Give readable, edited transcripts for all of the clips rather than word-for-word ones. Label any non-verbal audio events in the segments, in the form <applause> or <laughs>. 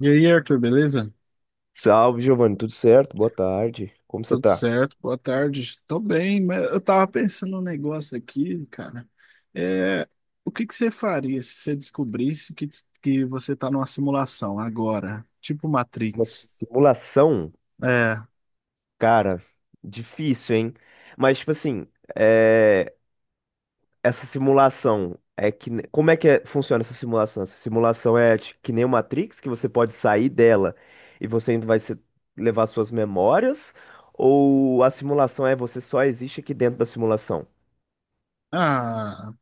E aí, Arthur, beleza? Salve, Giovanni, tudo certo? Boa tarde. Como você Tudo tá? certo? Boa tarde. Tô bem, mas eu tava pensando um negócio aqui, cara. É, o que que você faria se você descobrisse que você tá numa simulação agora, tipo Uma Matrix? simulação, É. cara, difícil, hein? Mas, tipo assim, é, essa simulação é que. Como é que funciona essa simulação? Essa simulação é que nem o Matrix, que você pode sair dela e você ainda vai levar suas memórias? Ou a simulação é você só existe aqui dentro da simulação? Ah,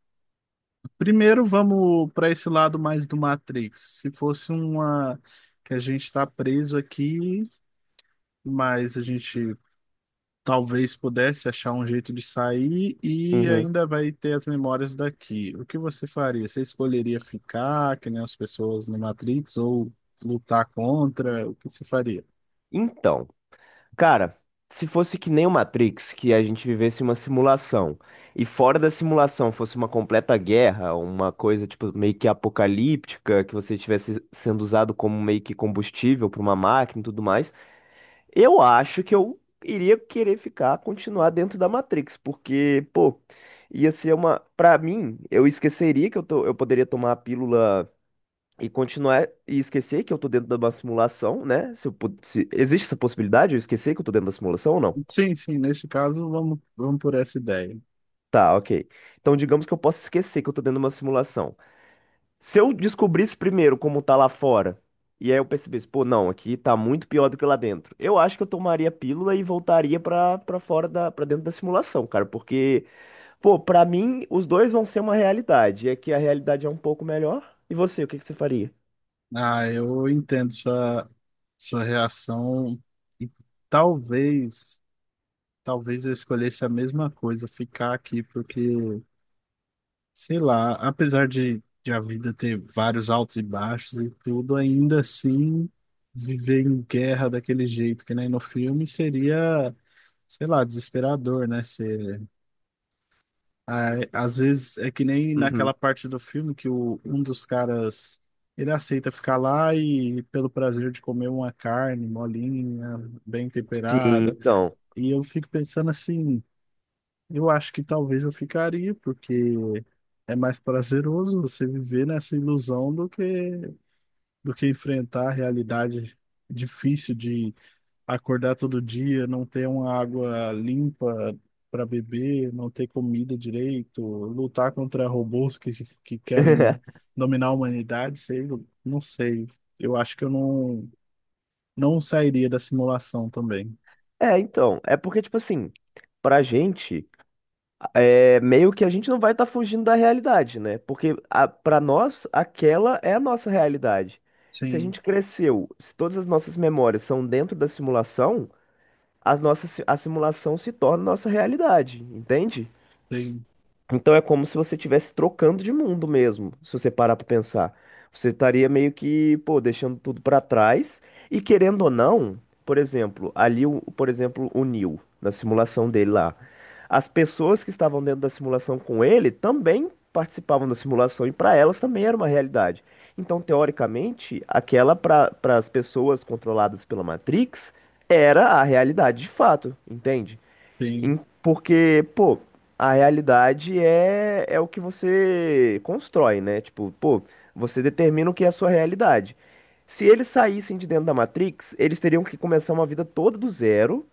primeiro vamos para esse lado mais do Matrix. Se fosse uma que a gente tá preso aqui, mas a gente talvez pudesse achar um jeito de sair e Uhum. ainda vai ter as memórias daqui. O que você faria? Você escolheria ficar, que nem as pessoas no Matrix, ou lutar contra? O que você faria? Então. Cara, se fosse que nem o Matrix, que a gente vivesse uma simulação, e fora da simulação fosse uma completa guerra, uma coisa tipo meio que apocalíptica, que você estivesse sendo usado como meio que combustível para uma máquina e tudo mais, eu acho que eu iria querer ficar, continuar dentro da Matrix, porque, pô, ia ser uma, para mim, eu esqueceria que eu tô, eu poderia tomar a pílula e continuar e esquecer que eu tô dentro de uma simulação, né? Se eu existe essa possibilidade, eu esquecer que eu tô dentro da simulação ou não? Sim, sim, nesse caso, vamos por essa ideia. Tá, ok. Então, digamos que eu possa esquecer que eu tô dentro de uma simulação. Se eu descobrisse primeiro como tá lá fora, e aí eu percebesse, pô, não, aqui tá muito pior do que lá dentro. Eu acho que eu tomaria a pílula e voltaria pra, pra dentro da simulação, cara, porque, pô, pra mim, os dois vão ser uma realidade. É que a realidade é um pouco melhor. E você, o que que você faria? Ah, eu entendo sua reação e talvez, talvez eu escolhesse a mesma coisa, ficar aqui, porque sei lá, apesar de a vida ter vários altos e baixos e tudo, ainda assim viver em guerra daquele jeito que nem no filme seria, sei lá, desesperador, né? Ser, ah, às vezes é que nem naquela Uhum. parte do filme que um dos caras ele aceita ficar lá e pelo prazer de comer uma carne molinha, bem Sim, temperada. então. E eu fico pensando assim. Eu acho que talvez eu ficaria, porque é mais prazeroso você viver nessa ilusão do que enfrentar a realidade difícil de acordar todo dia, não ter uma água limpa para beber, não ter comida direito, lutar contra robôs que querem <laughs> dominar a humanidade, sei, não sei. Eu acho que eu não sairia da simulação também. É porque, tipo assim, pra gente, é meio que a gente não vai estar fugindo da realidade, né? Porque pra nós, aquela é a nossa realidade. Se a Sim, gente cresceu, se todas as nossas memórias são dentro da simulação, as a simulação se torna nossa realidade, entende? tem, Então é como se você estivesse trocando de mundo mesmo, se você parar pra pensar. Você estaria meio que, pô, deixando tudo pra trás e querendo ou não, por exemplo, ali, por exemplo, o Neo, na simulação dele lá. As pessoas que estavam dentro da simulação com ele também participavam da simulação e pra elas também era uma realidade. Então, teoricamente, aquela para as pessoas controladas pela Matrix era a realidade de fato, entende? tem. Porque, pô, a realidade é o que você constrói, né? Tipo, pô, você determina o que é a sua realidade. Se eles saíssem de dentro da Matrix, eles teriam que começar uma vida toda do zero,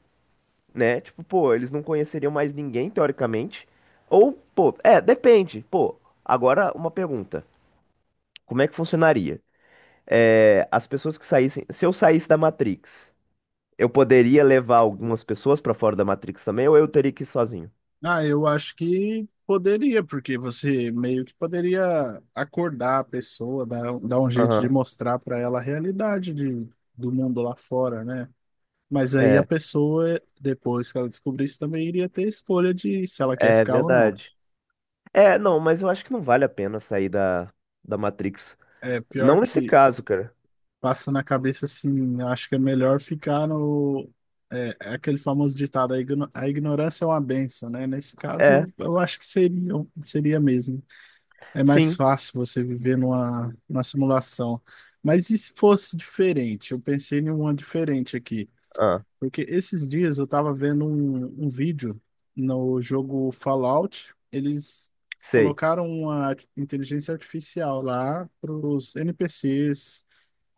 né? Tipo, pô, eles não conheceriam mais ninguém, teoricamente. Ou, pô, depende. Pô, agora uma pergunta. Como é que funcionaria? É, as pessoas que saíssem. Se eu saísse da Matrix, eu poderia levar algumas pessoas pra fora da Matrix também, ou eu teria que ir sozinho? Ah, eu acho que poderia, porque você meio que poderia acordar a pessoa, dar um jeito de Aham. mostrar para ela a realidade do mundo lá fora, né? Mas aí a pessoa, depois que ela descobrisse, também iria ter escolha de se ela quer É ficar ou não. verdade. É, não, mas eu acho que não vale a pena sair da Matrix. É pior Não nesse que caso, cara. passa na cabeça assim, eu acho que é melhor ficar no. É, é aquele famoso ditado, a a ignorância é uma benção, né? Nesse É, caso, eu acho que seria mesmo. É mais sim. fácil você viver numa simulação. Mas e se fosse diferente? Eu pensei em uma diferente aqui. Ah, Porque esses dias eu estava vendo um vídeo no jogo Fallout. Eles sei. colocaram uma inteligência artificial lá para os NPCs.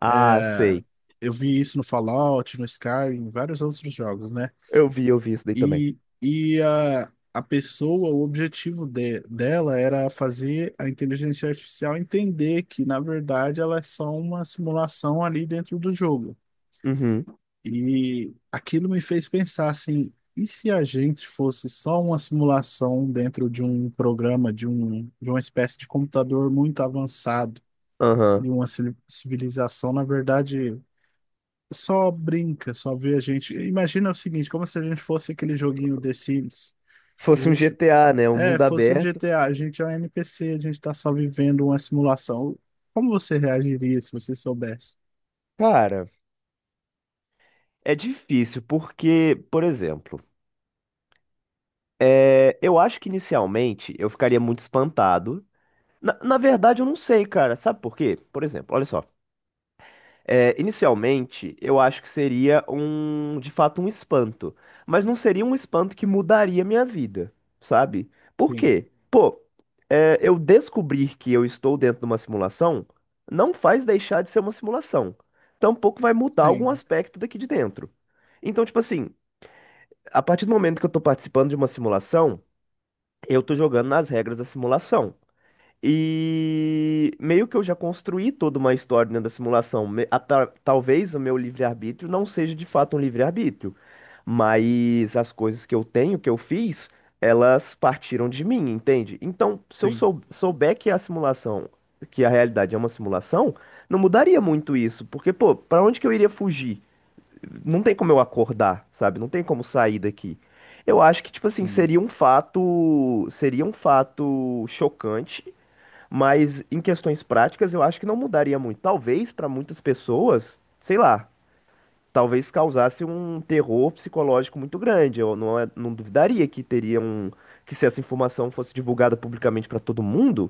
Ah, sei. Eu vi isso no Fallout, no Skyrim, em vários outros jogos, né? Eu vi isso daí também. A pessoa, o dela era fazer a inteligência artificial entender que, na verdade, ela é só uma simulação ali dentro do jogo. Uhum, E aquilo me fez pensar assim, e se a gente fosse só uma simulação dentro de um programa, de uma espécie de computador muito avançado, aham. de uma civilização, na verdade, só brinca, só vê a gente. Imagina o seguinte, como se a gente fosse aquele joguinho The Sims. A Fosse um gente GTA, né? Um é, mundo fosse um aberto. GTA, a gente é um NPC, a gente tá só vivendo uma simulação. Como você reagiria se você soubesse? Cara, é difícil porque, por exemplo, eu acho que inicialmente eu ficaria muito espantado. Na verdade, eu não sei, cara. Sabe por quê? Por exemplo, olha só. É, inicialmente, eu acho que seria um, de fato, um espanto. Mas não seria um espanto que mudaria minha vida, sabe? Por Sim, quê? Pô, eu descobrir que eu estou dentro de uma simulação não faz deixar de ser uma simulação. Tampouco vai mudar algum sim, aspecto daqui de dentro. Então, tipo assim, a partir do momento que eu tô participando de uma simulação, eu tô jogando nas regras da simulação. E meio que eu já construí toda uma história dentro da simulação. Talvez o meu livre-arbítrio não seja de fato um livre-arbítrio, mas as coisas que eu tenho, que eu fiz, elas partiram de mim, entende? Então, se eu sim, souber que a simulação, que a realidade é uma simulação, não mudaria muito isso, porque, pô, pra onde que eu iria fugir? Não tem como eu acordar, sabe? Não tem como sair daqui. Eu acho que, tipo assim, sim, seria um fato chocante, mas em questões práticas, eu acho que não mudaria muito. Talvez para muitas pessoas, sei lá, talvez causasse um terror psicológico muito grande. Eu não, é, não duvidaria que teria um, que se essa informação fosse divulgada publicamente para todo mundo,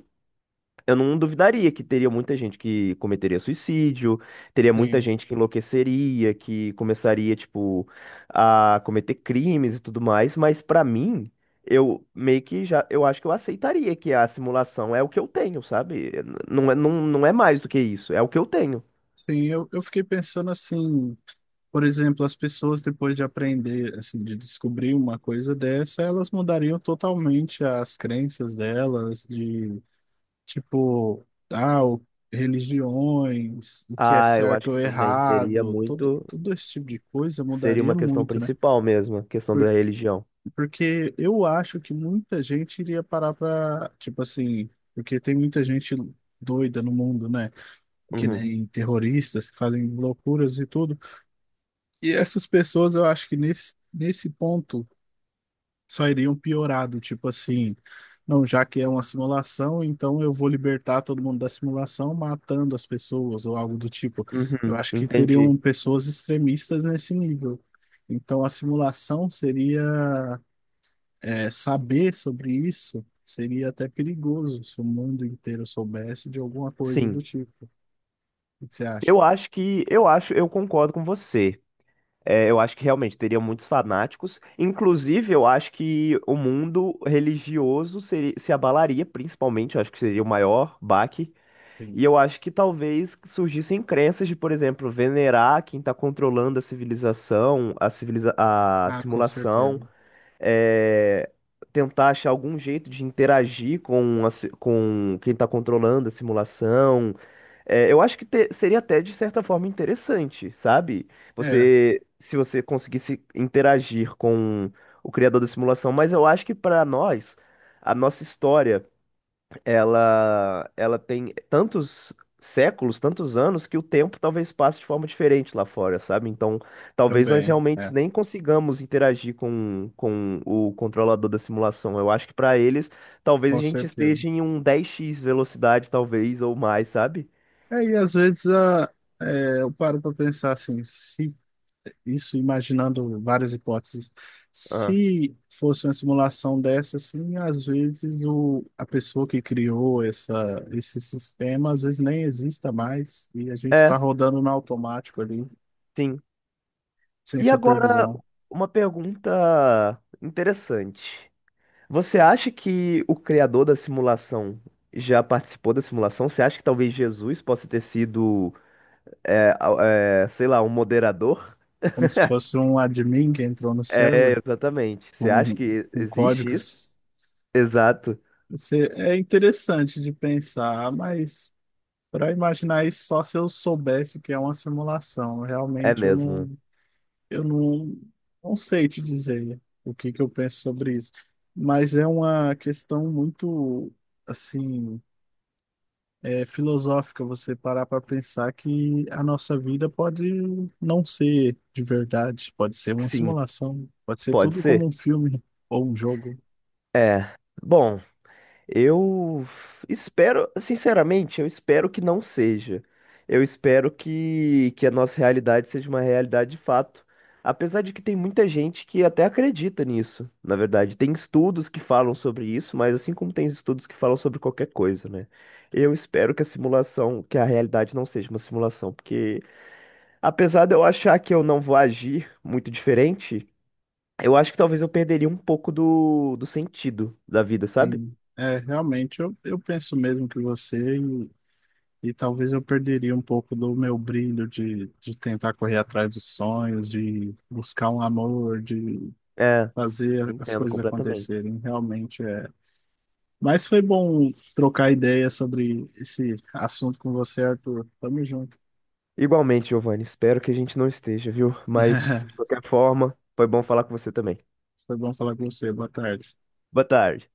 eu não duvidaria que teria muita gente que cometeria suicídio, teria muita sim. gente que enlouqueceria, que começaria, tipo, a cometer crimes e tudo mais, mas pra mim, eu meio que já, eu acho que eu aceitaria que a simulação é o que eu tenho, sabe? Não não é mais do que isso, é o que eu tenho. Sim, eu fiquei pensando assim, por exemplo, as pessoas depois de aprender, assim, de descobrir uma coisa dessa, elas mudariam totalmente as crenças delas, de tipo, ah, o- religiões, o que é Ah, eu acho certo que ou também teria errado, muito, todo esse tipo de coisa seria mudaria uma questão muito, né? principal mesmo, a questão da religião. Porque eu acho que muita gente iria parar pra, tipo assim, porque tem muita gente doida no mundo, né? Que Uhum, nem terroristas que fazem loucuras e tudo. E essas pessoas, eu acho que nesse ponto só iriam piorado, tipo assim, não, já que é uma simulação, então eu vou libertar todo mundo da simulação matando as pessoas ou algo do tipo. Eu uhum, acho que teriam entendi. pessoas extremistas nesse nível. Então a simulação seria é, saber sobre isso seria até perigoso se o mundo inteiro soubesse de alguma coisa do Sim. tipo. O que você acha? Eu acho que, eu acho, eu concordo com você. É, eu acho que realmente teria muitos fanáticos. Inclusive, eu acho que o mundo religioso se abalaria, principalmente. Eu acho que seria o maior baque. Sim. E eu acho que talvez surgissem crenças de, por exemplo, venerar quem está controlando a civilização, a, civiliza a Ah, com simulação, certeza. é, tentar achar algum jeito de interagir com, com quem está controlando a simulação. É, eu acho que seria até de certa forma interessante, sabe? É, Você, se você conseguisse interagir com o criador da simulação, mas eu acho que para nós, a nossa história, ela tem tantos séculos, tantos anos que o tempo talvez passe de forma diferente lá fora, sabe? Então, talvez nós também, realmente é, nem consigamos interagir com o controlador da simulação. Eu acho que para eles, talvez a com gente certeza. esteja em um 10x velocidade, talvez ou mais, sabe? É, e às vezes é, eu paro para pensar assim, se isso imaginando várias hipóteses, se fosse uma simulação dessa, assim, às vezes a pessoa que criou esse sistema, às vezes nem exista mais e a gente está É, rodando no automático ali. sim. Sem E agora, supervisão. uma pergunta interessante. Você acha que o criador da simulação já participou da simulação? Você acha que talvez Jesus possa ter sido, sei lá, um moderador? Como se fosse um admin que entrou no É, server exatamente. Você acha com, que com existe isso? códigos. Exato. Você- é é interessante de pensar, mas para imaginar isso só se eu soubesse que é uma simulação. É Realmente eu mesmo. Eu não, não sei te dizer o que que eu penso sobre isso. Mas é uma questão muito, assim, é, filosófica você parar para pensar que a nossa vida pode não ser de verdade, pode ser uma Sim, simulação, pode ser pode tudo como ser. um filme ou um jogo. É. Bom. Eu espero, sinceramente, eu espero que não seja. Que a nossa realidade seja uma realidade de fato. Apesar de que tem muita gente que até acredita nisso, na verdade. Tem estudos que falam sobre isso, mas assim como tem estudos que falam sobre qualquer coisa, né? Eu espero que a simulação, que a realidade não seja uma simulação, porque apesar de eu achar que eu não vou agir muito diferente, eu acho que talvez eu perderia um pouco do sentido da vida, sabe? Sim. É, realmente, eu penso mesmo que você, e talvez eu perderia um pouco do meu brilho de tentar correr atrás dos sonhos, de buscar um amor, de É. fazer as Entendo coisas completamente. acontecerem. Realmente é. Mas foi bom trocar ideia sobre esse assunto com você, Arthur. Tamo junto. Igualmente, Giovanni, espero que a gente não esteja, viu? Mas, de <laughs> qualquer forma, foi bom falar com você também. Foi bom falar com você. Boa tarde. Boa tarde.